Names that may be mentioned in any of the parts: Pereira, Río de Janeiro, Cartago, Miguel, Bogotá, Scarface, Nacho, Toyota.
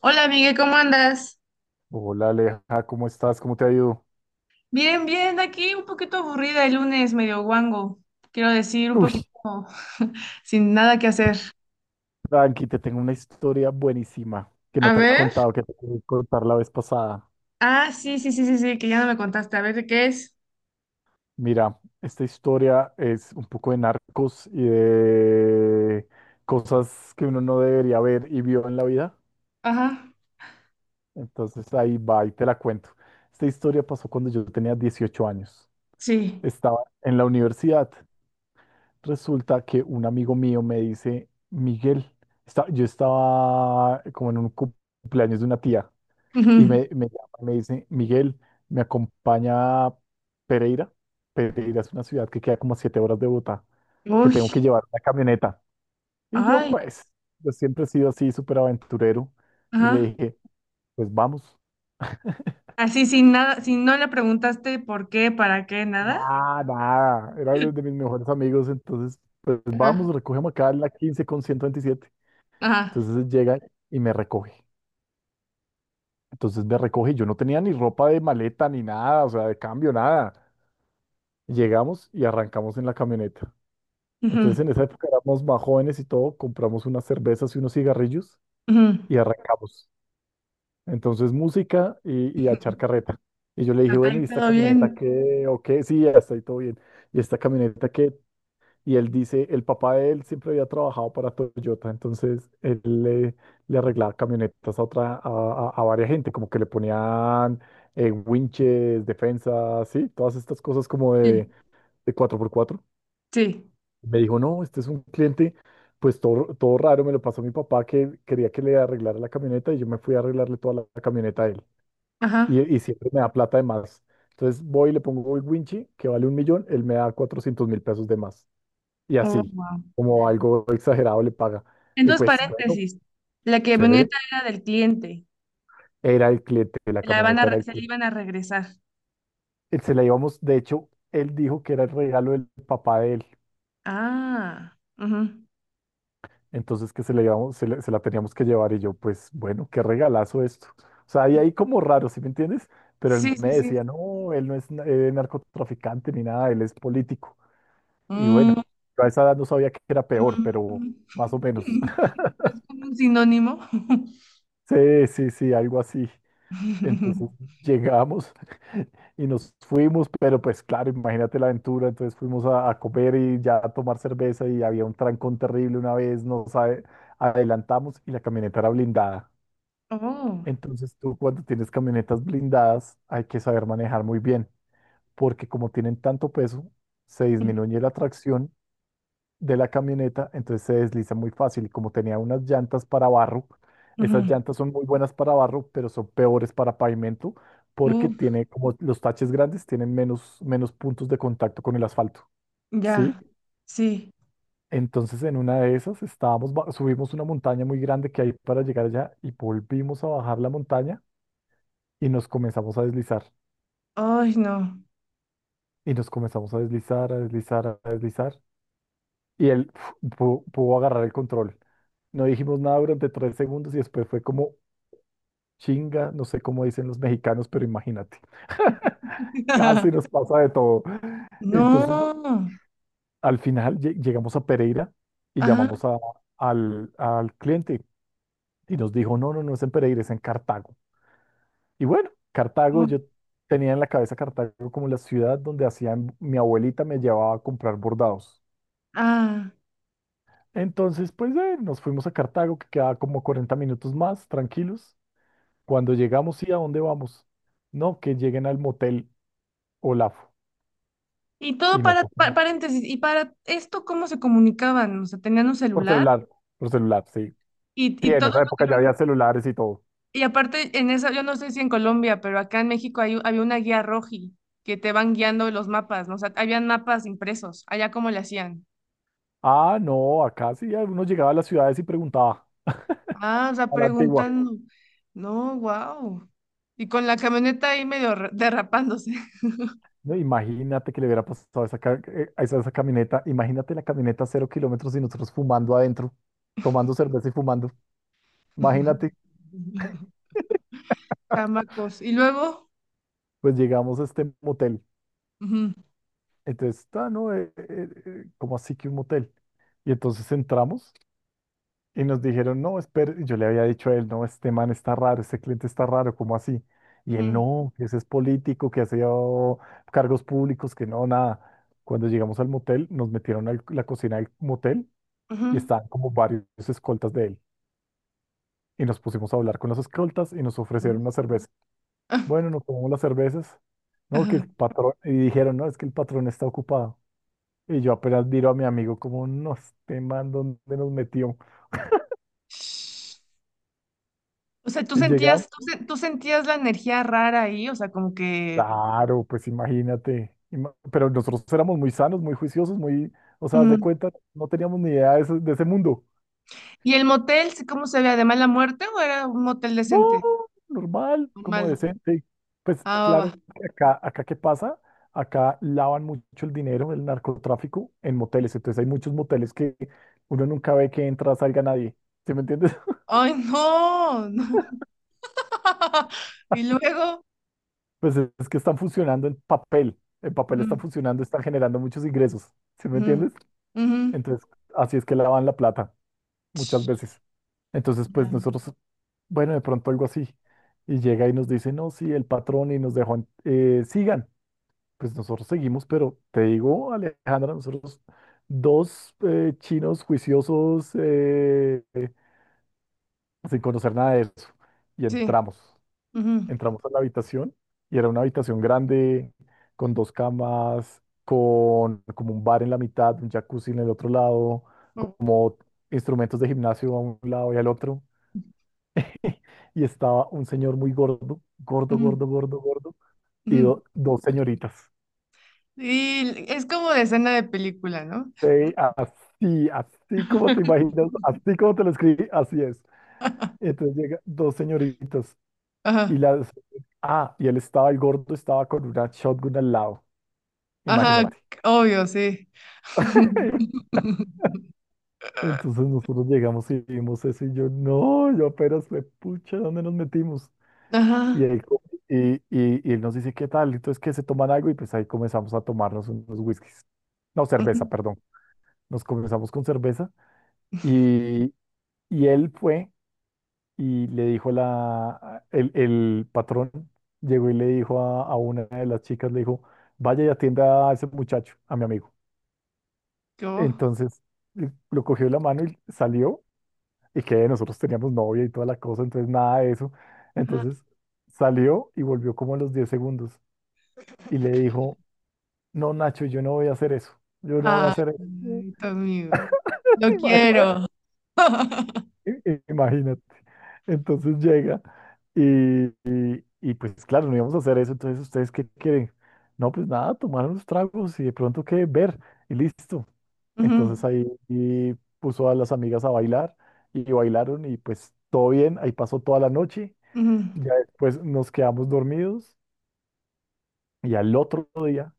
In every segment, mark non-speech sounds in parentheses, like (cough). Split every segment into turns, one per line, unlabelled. Hola Miguel, ¿cómo andas?
Hola Aleja, ¿cómo estás? ¿Cómo te ha ido?
Bien, bien, aquí un poquito aburrida el lunes, medio guango. Quiero decir, un
Uy,
poquito (laughs) sin nada que hacer.
tranqui, te tengo una historia buenísima que no
A
te he
ver.
contado, que te quería contar la vez pasada.
Ah, sí, sí, sí, sí, sí, que ya no me contaste. A ver, ¿de qué es?
Mira, esta historia es un poco de narcos y de cosas que uno no debería ver y vio en la vida.
Ajá,
Entonces ahí va y te la cuento. Esta historia pasó cuando yo tenía 18 años.
sí.
Estaba en la universidad. Resulta que un amigo mío me dice, Miguel, yo estaba como en un cumpleaños de una tía.
(laughs)
Y
Ujú.
me llama y me dice, Miguel, ¿me acompaña a Pereira? Pereira es una ciudad que queda como a 7 horas de Bogotá, que
Uy,
tengo que llevar una camioneta. Y yo,
ay,
pues, yo siempre he sido así, súper aventurero. Y le
ajá.
dije, pues vamos. (laughs)
Así sin nada, si no le preguntaste por qué, para qué, nada.
Nada, nada. Era uno de
(laughs)
mis mejores amigos, entonces, pues
Ajá,
vamos, recogemos acá en la 15 con 127.
ajá.
Entonces llega y me recoge. Entonces me recoge. Yo no tenía ni ropa de maleta ni nada, o sea, de cambio, nada. Llegamos y arrancamos en la camioneta.
Ujú,
Entonces en esa época éramos más jóvenes y todo, compramos unas cervezas y unos cigarrillos
ujú.
y arrancamos. Entonces música y a echar carreta. Y yo le dije,
Hasta
bueno,
ahí
¿y esta
todo
camioneta
bien.
qué? ¿O qué? Sí, ya está ahí todo bien. ¿Y esta camioneta qué? Y él dice, el papá de él siempre había trabajado para Toyota, entonces él le, le arreglaba camionetas a otra, a varias gente, como que le ponían winches, defensas, sí, todas estas cosas como
Sí,
de 4x4.
sí,
Me dijo, no, este es un cliente, pues todo, todo raro, me lo pasó mi papá que quería que le arreglara la camioneta y yo me fui a arreglarle toda la camioneta a él.
ajá.
Y siempre me da plata de más. Entonces voy y le pongo el winchi, que vale 1.000.000, él me da 400.000 pesos de más. Y
Oh,
así,
wow.
como algo exagerado le paga.
En
Y
dos
pues bueno,
paréntesis, la
chévere,
camioneta era del cliente,
era el cliente, la camioneta era el
se la
cliente.
iban a regresar.
Él Se la íbamos, de hecho, él dijo que era el regalo del papá de él,
Ah, ujú.
entonces que se, la íbamos- se la teníamos que llevar y yo, pues bueno, qué regalazo esto. O sea, y ahí como raro, ¿sí me entiendes? Pero él
Sí,
me
sí, sí.
decía, no, él no es narcotraficante ni nada, él es político. Y
Mm,
bueno, yo a esa edad no sabía que era peor,
mm,
pero más o
mm.
menos.
(laughs)
(laughs)
Es como un sinónimo.
Sí, sí, sí, algo así. Entonces
(laughs)
llegamos (laughs) y nos fuimos, pero pues claro, imagínate la aventura. Entonces fuimos a comer y ya a tomar cerveza y había un trancón terrible una vez, nos adelantamos y la camioneta era blindada.
Oh,
Entonces tú cuando tienes camionetas blindadas hay que saber manejar muy bien, porque como tienen tanto peso, se disminuye la tracción de la camioneta, entonces se desliza muy fácil. Y como tenía unas llantas para barro, esas
ujú.
llantas son muy buenas para barro, pero son peores para pavimento, porque
Uf,
tiene como los taches grandes tienen menos, menos puntos de contacto con el asfalto, ¿sí?
ya, sí.
Entonces en una de esas estábamos, subimos una montaña muy grande que hay para llegar allá y volvimos a bajar la montaña y nos comenzamos a deslizar.
Ay, no.
Y nos comenzamos a deslizar, a deslizar, a deslizar. Y él pudo agarrar el control. No dijimos nada durante 3 segundos y después fue como chinga, no sé cómo dicen los mexicanos, pero imagínate, casi
(laughs)
nos pasa de todo. Entonces,
No.
al final llegamos a Pereira y
Ajá.
llamamos al cliente y nos dijo, no, no, no es en Pereira, es en Cartago. Y bueno, Cartago,
No.
yo tenía en la cabeza Cartago como la ciudad donde hacían, mi abuelita me llevaba a comprar bordados.
Ah.
Entonces, pues nos fuimos a Cartago, que queda como 40 minutos más, tranquilos. Cuando llegamos, ¿y a dónde vamos? No, que lleguen al motel Olafo.
Y todo
Y
para,
nosotros,
paréntesis. ¿Y para esto cómo se comunicaban? O sea, ¿tenían un
por
celular?
celular, por celular, sí.
Y,
Sí,
y
en
todo
esa
lo
época ya había
tenían-
celulares y todo.
y aparte en esa, yo no sé si en Colombia, pero acá en México hay, había una guía roji que te van guiando los mapas, ¿no? O sea, habían mapas impresos, allá cómo le hacían.
Ah, no, acá sí, uno llegaba a las ciudades y preguntaba
Ah, o sea,
a la antigua.
preguntando. No, wow. Y con la camioneta ahí medio derrapándose.
No, imagínate que le hubiera pasado a esa camioneta. Imagínate la camioneta a 0 kilómetros y nosotros fumando adentro, tomando cerveza y fumando. Imagínate,
(laughs) Chamacos. Y luego.
pues llegamos a este motel.
Ujú,
Entonces, está, ¿no? Como así que un motel. Y entonces entramos y nos dijeron, no, espera, yo le había dicho a él, no, este man está raro, este cliente está raro, ¿cómo así? Y él,
ujú,
no, que ese es político, que hacía cargos públicos, que no, nada. Cuando llegamos al motel, nos metieron a la cocina del motel y
ujú,
estaban como varios escoltas de él. Y nos pusimos a hablar con los escoltas y nos ofrecieron
ujú.
una cerveza.
Ah,
Bueno, nos tomamos las cervezas. No, que
ajá.
el patrón, y dijeron, no, es que el patrón está ocupado. Y yo apenas miro a mi amigo como nos te mando dónde nos metió.
Shh. O sea, tú
Y llegamos,
sentías, tú sentías la energía rara ahí, o sea, como que.
claro, pues imagínate. Pero nosotros éramos muy sanos, muy juiciosos, muy, o sea, haz
Ujú.
de cuenta, no teníamos ni idea de ese mundo.
¿Y el motel, sí, cómo se ve? ¿De mala muerte o era un motel
No,
decente?
normal, como
Normal.
decente. Pues
Ah, va,
claro,
va.
que acá, acá ¿qué pasa? Acá lavan mucho el dinero, el narcotráfico, en moteles. Entonces hay muchos moteles que uno nunca ve que entra, salga nadie. ¿Sí me entiendes?
Ay, no, no. (laughs) Y luego.
Pues es que están funcionando en papel. En papel están
Mm,
funcionando, están generando muchos ingresos. ¿Sí me
ujú,
entiendes?
ujú,
Entonces, así es que lavan la plata muchas
ch,
veces. Entonces, pues
ya,
nosotros, bueno, de pronto algo así. Y llega y nos dice, no, sí, el patrón y nos dejó, sigan. Pues nosotros seguimos, pero te digo, Alejandra, nosotros dos chinos juiciosos, sin conocer nada de eso. Y
sí.
entramos.
Ujú,
Entramos a la habitación y era una habitación grande, con dos camas, con como un bar en la mitad, un jacuzzi en el otro lado,
u-
como instrumentos de gimnasio a un lado y al otro. (laughs) Y estaba un señor muy gordo, gordo,
ujú,
gordo, gordo, gordo, y
ujú.
dos señoritas.
Y es como de escena de película, ¿no?
Sí, así, así como te imaginas, así como te lo escribí, así es.
(laughs)
Entonces llega dos señoritas y
Ajá,
las... Ah, y él estaba, el gordo estaba con una shotgun al lado,
ajá,
imagínate.
obvio, sí.
(laughs)
(laughs)
Entonces nosotros llegamos y vimos eso y yo, no, yo apenas fue, pucha, ¿dónde nos metimos? Y
Ajá.
él, co- y él nos dice, ¿qué tal? Entonces, ¿que se toman algo? Y pues ahí comenzamos a tomarnos unos whiskies. No, cerveza,
Ujú,
perdón. Nos comenzamos con cerveza y, y él fue y le dijo la, el patrón, llegó y le dijo a una de las chicas, le dijo, vaya y atienda a ese muchacho, a mi amigo.
yo,
Entonces, lo cogió de la mano y salió y que nosotros teníamos novia y toda la cosa, entonces nada de eso.
ajá.
Entonces salió y volvió como a los 10 segundos y le dijo, no, Nacho, yo no voy a hacer eso, yo no voy a
Ay,
hacer eso. (laughs)
tu amigo. Lo
Imagina-
quiero. (laughs)
Imagínate. Entonces llega y, pues claro, no íbamos a hacer eso, entonces ¿ustedes qué quieren? No, pues nada, tomar unos tragos y de pronto qué ver y listo. Entonces
Ujú.
ahí y puso a las amigas a bailar y bailaron y pues todo bien, ahí pasó toda la noche.
Ujú,
Ya después nos quedamos dormidos y al otro día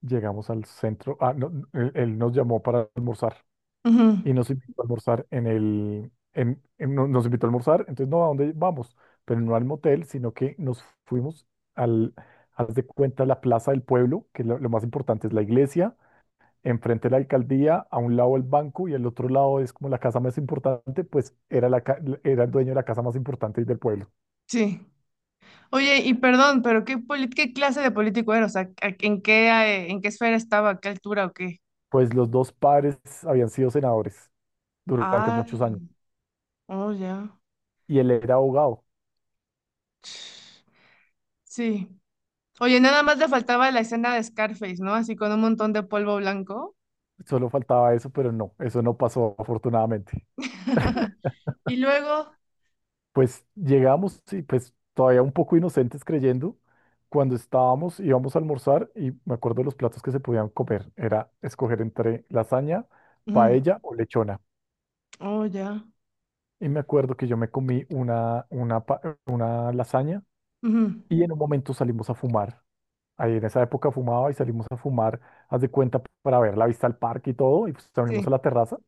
llegamos al centro. Ah, no, no, él nos llamó para almorzar
ujú,
y nos invitó a almorzar en el. En- no- nos invitó a almorzar, entonces no, ¿a dónde vamos? Pero no al motel, sino que nos fuimos al. Haz de cuenta la plaza del pueblo, que lo más importante es la iglesia, enfrente la alcaldía, a un lado el banco y al otro lado es como la casa más importante, pues era el dueño de la casa más importante del pueblo.
sí. Oye, y perdón, pero ¿qué, qué clase de político era? O sea, en qué esfera estaba? ¿A qué altura o qué?
Pues los dos padres habían sido senadores durante
Ah,
muchos años.
oh, ya.
Y él era abogado,
Sí. Oye, nada más le faltaba la escena de Scarface, ¿no? Así con un montón de polvo blanco.
solo faltaba eso, pero no, eso no pasó afortunadamente.
(laughs) Y luego...
Pues llegamos y pues todavía un poco inocentes creyendo, cuando estábamos, íbamos a almorzar y me acuerdo los platos que se podían comer, era escoger entre lasaña,
Ujú,
paella o lechona.
oh, ya.
Y me acuerdo que yo me comí una, una lasaña
Ujú,
y en un momento salimos a fumar. Ahí en esa época fumaba y salimos a fumar, haz de cuenta, para ver la vista al parque y todo, y pues salimos a
sí.
la terraza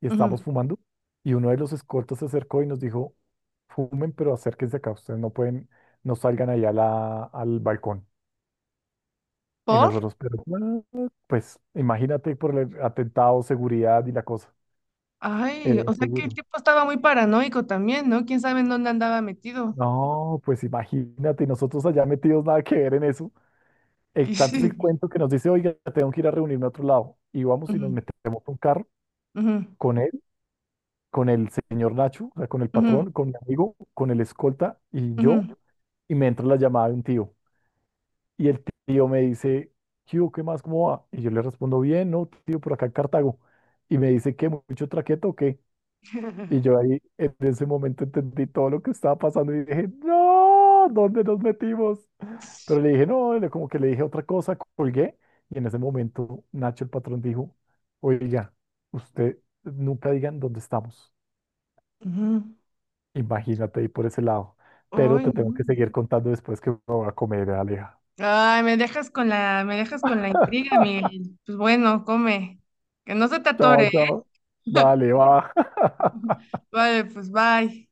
y estábamos
Ujú.
fumando. Y uno de los escoltas se acercó y nos dijo, fumen, pero acérquense acá, ustedes no pueden, no salgan ahí a al balcón. Y
¿Por?
nosotros, pero, "What?". Pues imagínate por el atentado, seguridad y la cosa,
Ay,
era
o sea que el
inseguro.
tipo estaba muy paranoico también, ¿no? ¿Quién sabe en dónde andaba metido?
No, pues imagínate, y nosotros allá metidos nada que ver en eso. El
Y
tanto es el
sí.
cuento que nos dice, oiga, tengo que ir a reunirme a otro lado. Y
(laughs)
vamos y nos
Ujú,
metemos a un carro
ujú,
con él, con el señor Nacho, o sea, con el
ujú.
patrón, con mi amigo, con el escolta y yo,
Ujú,
y me entra la llamada de un tío. Y el tío me dice, ¿qué hubo? ¿Qué más? ¿Cómo va? Y yo le respondo, bien, no, tío, por acá en Cartago. Y me dice, ¿qué? ¿Mucho traqueto o qué? Y yo ahí, en ese momento, entendí todo lo que estaba pasando y dije, no, ¿dónde nos metimos? Pero le dije, no, como que le dije otra cosa, colgué. Y en ese momento, Nacho, el patrón, dijo, oiga, usted nunca digan dónde estamos.
ujú.
Imagínate ahí por ese lado. Pero
Ay,
te tengo
no.
que seguir contando después que me voy a comer, Aleja.
Ay, me dejas con la intriga,
(laughs)
Miguel. Pues bueno, come. Que no se te
Chao,
atore, ¿eh?
chao. Dale, va. (laughs)
(laughs) Vale, pues bye.